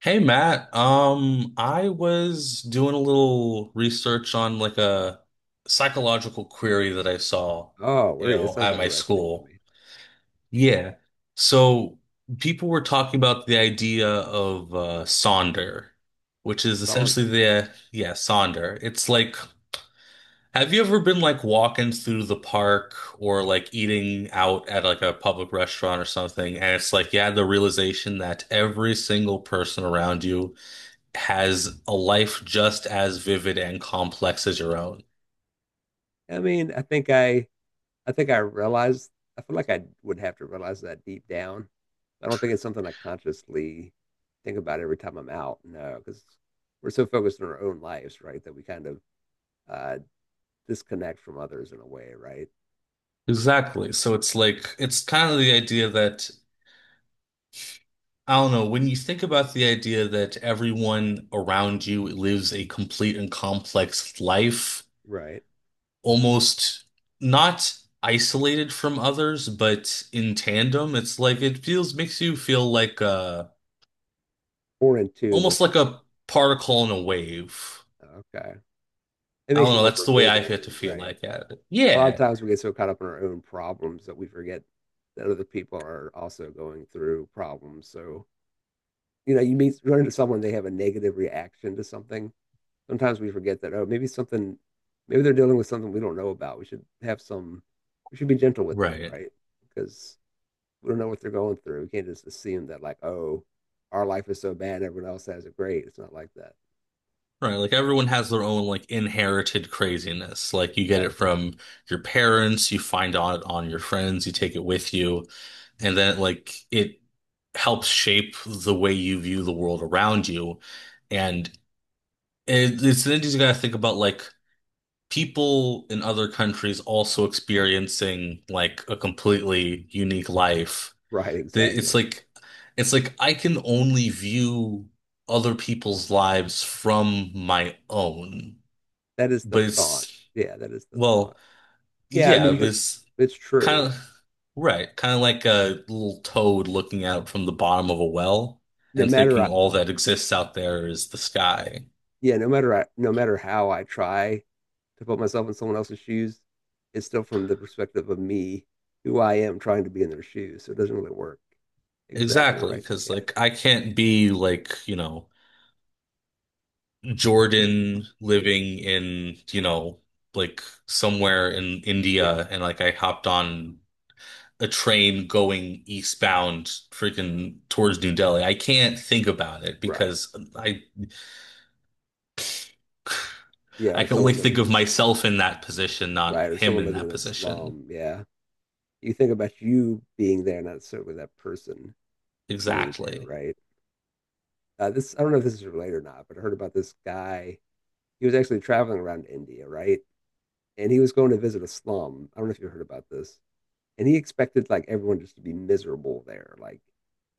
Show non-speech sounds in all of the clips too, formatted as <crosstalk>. Hey Matt, I was doing a little research on like a psychological query that I saw, Oh, you where that know, sounds at my interesting to school. me. Yeah. So people were talking about the idea of Sonder, which is essentially Saunders. Sonder. It's like, have you ever been like walking through the park or like eating out at like a public restaurant or something, and it's like you had the realization that every single person around you has a life just as vivid and complex as your own. I mean, I think I think I realized. I feel like I would have to realize that deep down. I don't think it's something I consciously think about every time I'm out. No, because we're so focused on our own lives, right? That we kind of uh, disconnect from others in a way, right? Exactly. So it's like, it's kind of the idea that, I don't know, when you think about the idea that everyone around you lives a complete and complex life, Right. almost not isolated from others, but in tandem, it's like it feels, makes you feel like a, More in tune with. almost like a particle in a wave. Okay, it I makes don't you know, more that's the way I get forgiving, to feel right? like at it. A lot of Yeah. times we get so caught up in our own problems that we forget that other people are also going through problems. So you meet run into someone, they have a negative reaction to something. Sometimes we forget that, oh, maybe something, maybe they're dealing with something we don't know about. We should have some, we should be gentle with them, Right. right? Because we don't know what they're going through. We can't just assume that, like, oh, our life is so bad, everyone else has it great. It's not like that. Right, like everyone has their own like inherited craziness. Like you get it Exactly. from your parents, you find out on your friends, you take it with you, and then like it helps shape the way you view the world around you. And it it's then you gotta think about like people in other countries also experiencing like a completely unique life. Right. The- It's Exactly. like it's like I can only view other people's lives from my own, That is the but thought. it's, Yeah, that is the thought. well, Yeah, I yeah, mean, you it can, was it's kind true. of right, kind of like a little toad looking out from the bottom of a well No and thinking matter all that exists out there is the sky. yeah, no matter how I try to put myself in someone else's shoes, it's still from the perspective of me, who I am trying to be in their shoes. So it doesn't really work. Exactly Exactly, right. because Yeah. like I can't be like, you know, Jordan living in, you know, like somewhere in Yeah. India and like I hopped on a train going eastbound freaking towards New Delhi. I can't think about it Right. because I <laughs> Yeah. I Or can only someone think living in of this, myself in that position, right. not Or him someone in living that in a position. slum. Yeah. You think about you being there, not necessarily that person being there, Exactly. right? This, I don't know if this is related or not, but I heard about this guy. He was actually traveling around India, right? And he was going to visit a slum. I don't know if you heard about this. And he expected like everyone just to be miserable there. Like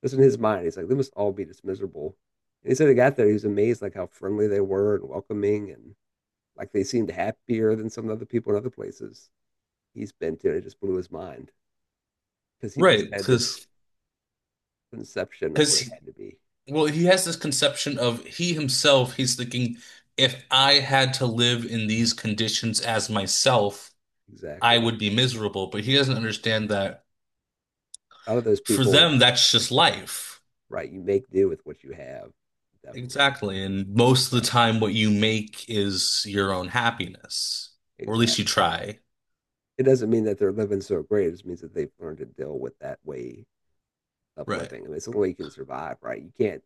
this in his mind, he's like, they must all be just miserable. And he said he got there, he was amazed like how friendly they were and welcoming and like they seemed happier than some other people in other places he's been to. And it just blew his mind because he just Right, had this conception of because what it he, had to be. well, he has this conception of he himself, he's thinking, if I had to live in these conditions as myself, I Exactly. would be miserable, but he doesn't understand that Out of those for people, them, that's yeah, just life. right, you make do with what you have, definitely. Exactly. And most of the So time, what you make is your own happiness, or at least you exactly. try. It doesn't mean that they're living so great. It just means that they've learned to deal with that way of Right. living. I mean, it's the only way you can survive, right?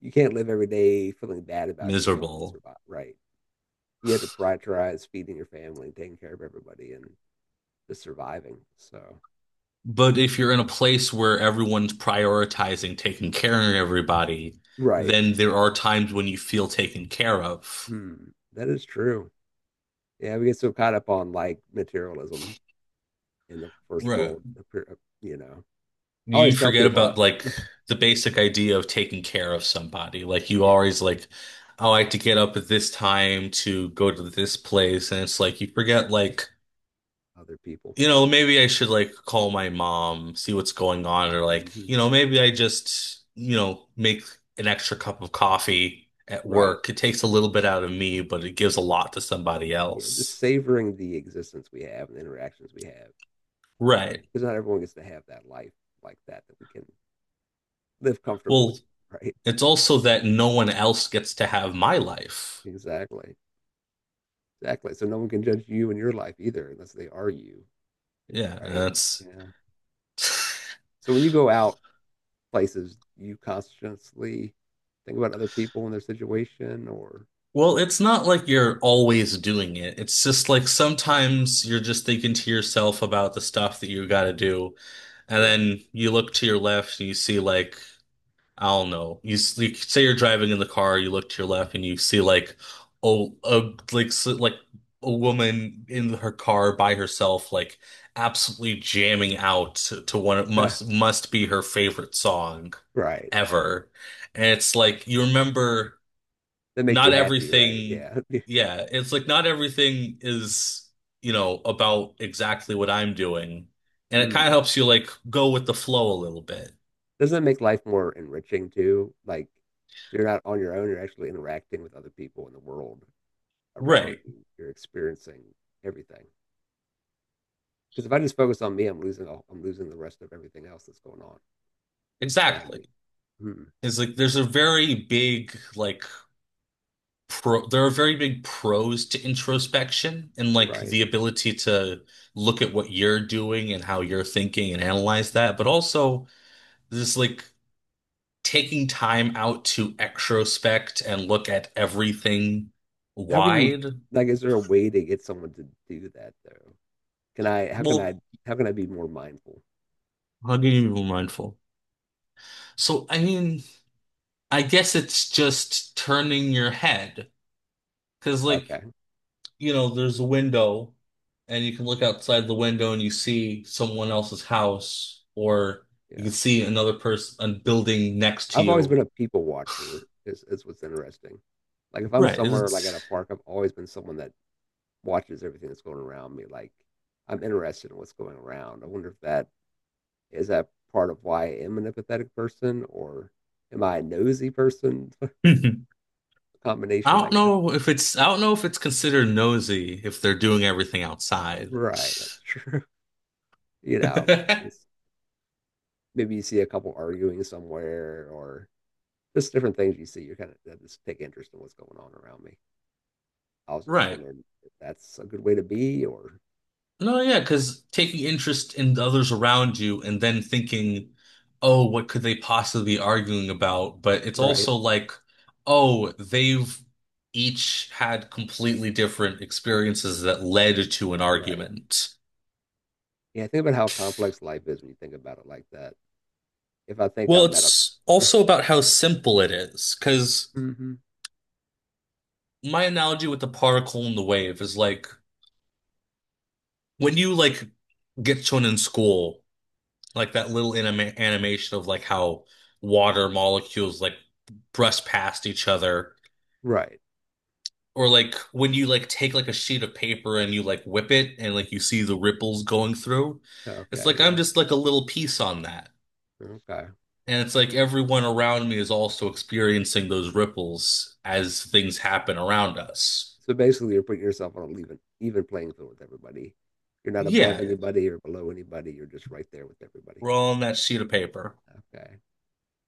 You can't live every day feeling bad about yourself and Miserable. survive, right? You have to prioritize feeding your family, taking care of everybody, and just surviving. So, But if you're in a place where everyone's prioritizing taking care of everybody, right, then there are times when you feel taken care of. hmm, that is true. Yeah, we get so caught up on like materialism in the first Right. world, you know. I You always tell forget people, about like the basic idea of taking care of somebody. Like you yeah, always like, oh, I have to get up at this time to go to this place. And it's like you forget like, other people, you know, maybe I should like call my mom, see what's going on, or like, hmm, you know, maybe I just, you know, make an extra cup of coffee at right? work. It takes a little bit out of me, but it gives a lot to somebody Yeah, just else. savoring the existence we have and the interactions we have, Right. because not everyone gets to have that life like that we can live comfortably, Well, <laughs> right? it's also that no one else gets to have my life. Exactly. Exactly. So no one can judge you in your life either unless they are you, Yeah, right? that's, Yeah. So when you go out places, you consciously think about other people and their situation or well, it's not like you're always doing it. It's just like sometimes you're just thinking to yourself about the stuff that you got to do. And right. <laughs> then you look to your left and you see like, I don't know. You say you're driving in the car, you look to your left, and you see like oh, a like s like a woman in her car by herself, like absolutely jamming out to what Yeah. Must be her favorite song Right. ever. And it's like you remember That makes you not happy, right? everything. Yeah. <laughs> Yeah, it's like not everything is you know about exactly what I'm doing, and it kind of Mm. helps you like go with the flow a little bit. Doesn't it make life more enriching too? Like so you're not on your own, you're actually interacting with other people in the world around Right. you. You're experiencing everything. Because if I just focus on me, I'm losing all, I'm losing the rest of everything else that's going on around Exactly. me. Hmm. Is like there's a very big like pro there are very big pros to introspection and like Right. the ability to look at what you're doing and how you're thinking and analyze that, but also this like taking time out to extrospect and look at everything How can you wide. like? Is there a way to get someone to do that though? Can I? How can I? Well, How can I be more mindful? how can you be mindful? So I mean, I guess it's just turning your head because like, Okay. you know, there's a window and you can look outside the window and you see someone else's house, or you Yeah. can see another person, a building next to I've always been you. a people watcher. Is what's interesting. Like if I'm Right. somewhere like at It's, a park, I've always been someone that watches everything that's going around me. Like I'm interested in what's going around. I wonder if that is that part of why I am an empathetic person or am I a nosy person? <laughs> I Combination, I don't guess. know if it's, I don't know if it's considered nosy if they're doing everything outside. Right, that's true. <laughs> You know, just <laughs> maybe you see a couple arguing somewhere or just different things you see. You're kind of just take interest in what's going on around me. I was just Right. wondering if that's a good way to be or No, no, yeah, because taking interest in the others around you and then thinking, oh, what could they possibly be arguing about? But it's right, also like, oh, they've each had completely different experiences that led to an right. argument. Yeah, think about how complex life is when you think about it like that. If I think Well, I'm at a it's also about how simple it is, because <laughs> hmm, my analogy with the particle and the wave is like when you like get shown in school, like that little animation of like how water molecules like brush past each other, right, or like when you like take like a sheet of paper and you like whip it and like you see the ripples going through, it's like okay, I'm yeah, just like a little piece on that, okay. and it's like everyone around me is also experiencing those ripples as things happen around us. So basically, you're putting yourself on an even playing field with everybody. You're not above Yeah, anybody or below anybody. You're just right there with everybody. we're all on that sheet of paper. Okay.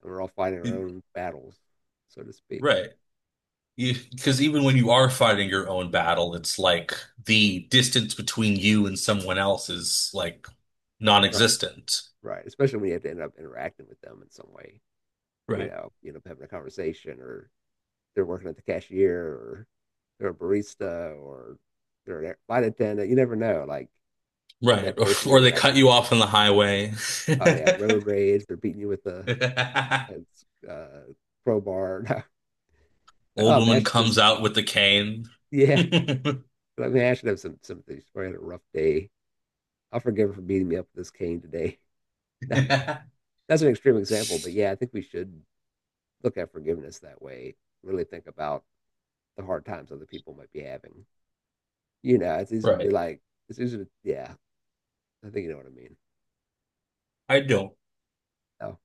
We're all fighting our own battles, so to speak. Right. Because even when you are fighting your own battle, it's like the distance between you and someone else is like Right. non-existent. Right. Especially when you have to end up interacting with them in some way. You Right. know, you know, having a conversation, or they're working at the cashier, or they're a barista, or they're a flight attendant. You never know, like what Right. that <laughs> person you're Or they cut interacting you with. off on the highway. Oh yeah, road rage. They're beating you with a, a crowbar. <laughs> <laughs> Like, Old oh man, I woman should comes just out with the cane. <laughs> yeah. I mean, I should have some sympathy. She's probably had a rough day. I'll forgive her for beating me up with this cane today. <laughs> That's an extreme example, but yeah, I think we should look at forgiveness that way. Really think about the hard times other people might be having. You know, it's easy to be Right. like, it's easy to, yeah, I think you know what I mean. I don't. Oh,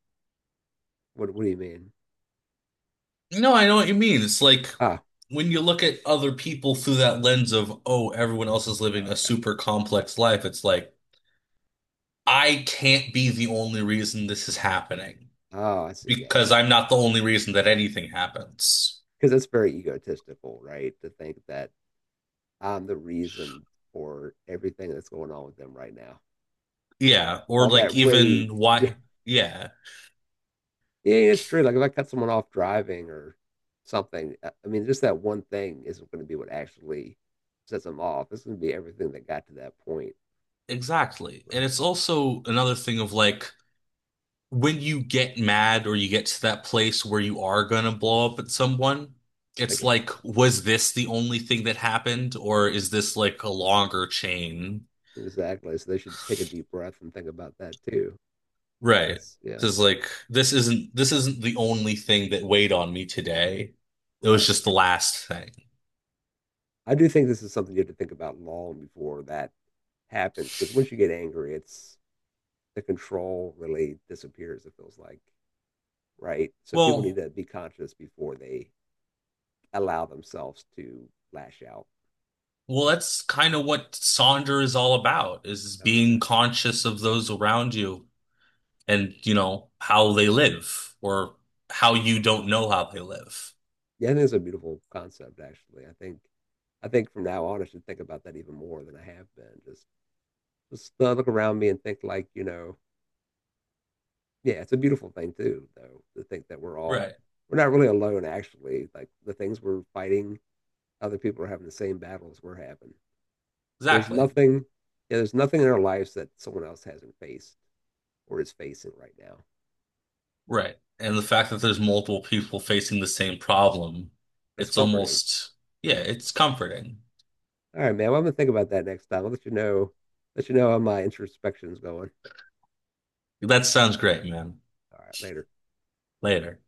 what do you mean? No, I know what you mean. It's like Ah, when you look at other people through that lens of, oh, everyone else is oh, living a okay. super complex life, it's like, I can't be the only reason this is happening Oh, I see. Yeah, yeah. because I'm not the only reason that anything happens. Because that's very egotistical, right? To think that I'm the reason for everything that's going on with them right now. Yeah, or All like that rage. even <laughs> Yeah. why. Yeah, Yeah, yeah, it's true. Like if I cut someone off driving or something, I mean, just that one thing isn't going to be what actually sets them off. It's going to be everything that got to that point, exactly. And right? it's also another thing of like when you get mad or you get to that place where you are gonna blow up at someone, Think it's about like, that. was this the only thing that happened, or is this like a longer chain. Exactly. So they should take a deep breath and think about that too. Right. That's, yeah, Because like this isn't the only thing that weighed on me today. It was right. just the last thing. I do think this is something you have to think about long before that happens because once you get angry, it's the control really disappears, it feels like, right? So people Yeah. need Well, to be conscious before they allow themselves to lash out. well, that's kind of what Sonder is all about, is being Okay. conscious of those around you and, you know, how they live or how you don't know how they live. Yeah, I think it's a beautiful concept, actually. I think from now on, I should think about that even more than I have been. Just look around me and think like, you know, yeah, it's a beautiful thing too, though, to think that we're all, Right. we're not really alone, actually. Like the things we're fighting, other people are having the same battles we're having. There's Exactly. nothing, yeah, there's nothing in our lives that someone else hasn't faced or is facing right now. Right. And the fact that there's multiple people facing the same problem, That's it's comforting. almost, Yeah, yeah, it's, it's comforting. all right, man. Well, I'm gonna think about that next time. I'll let you know how my introspection's going. That sounds great, man. All right, later. Later.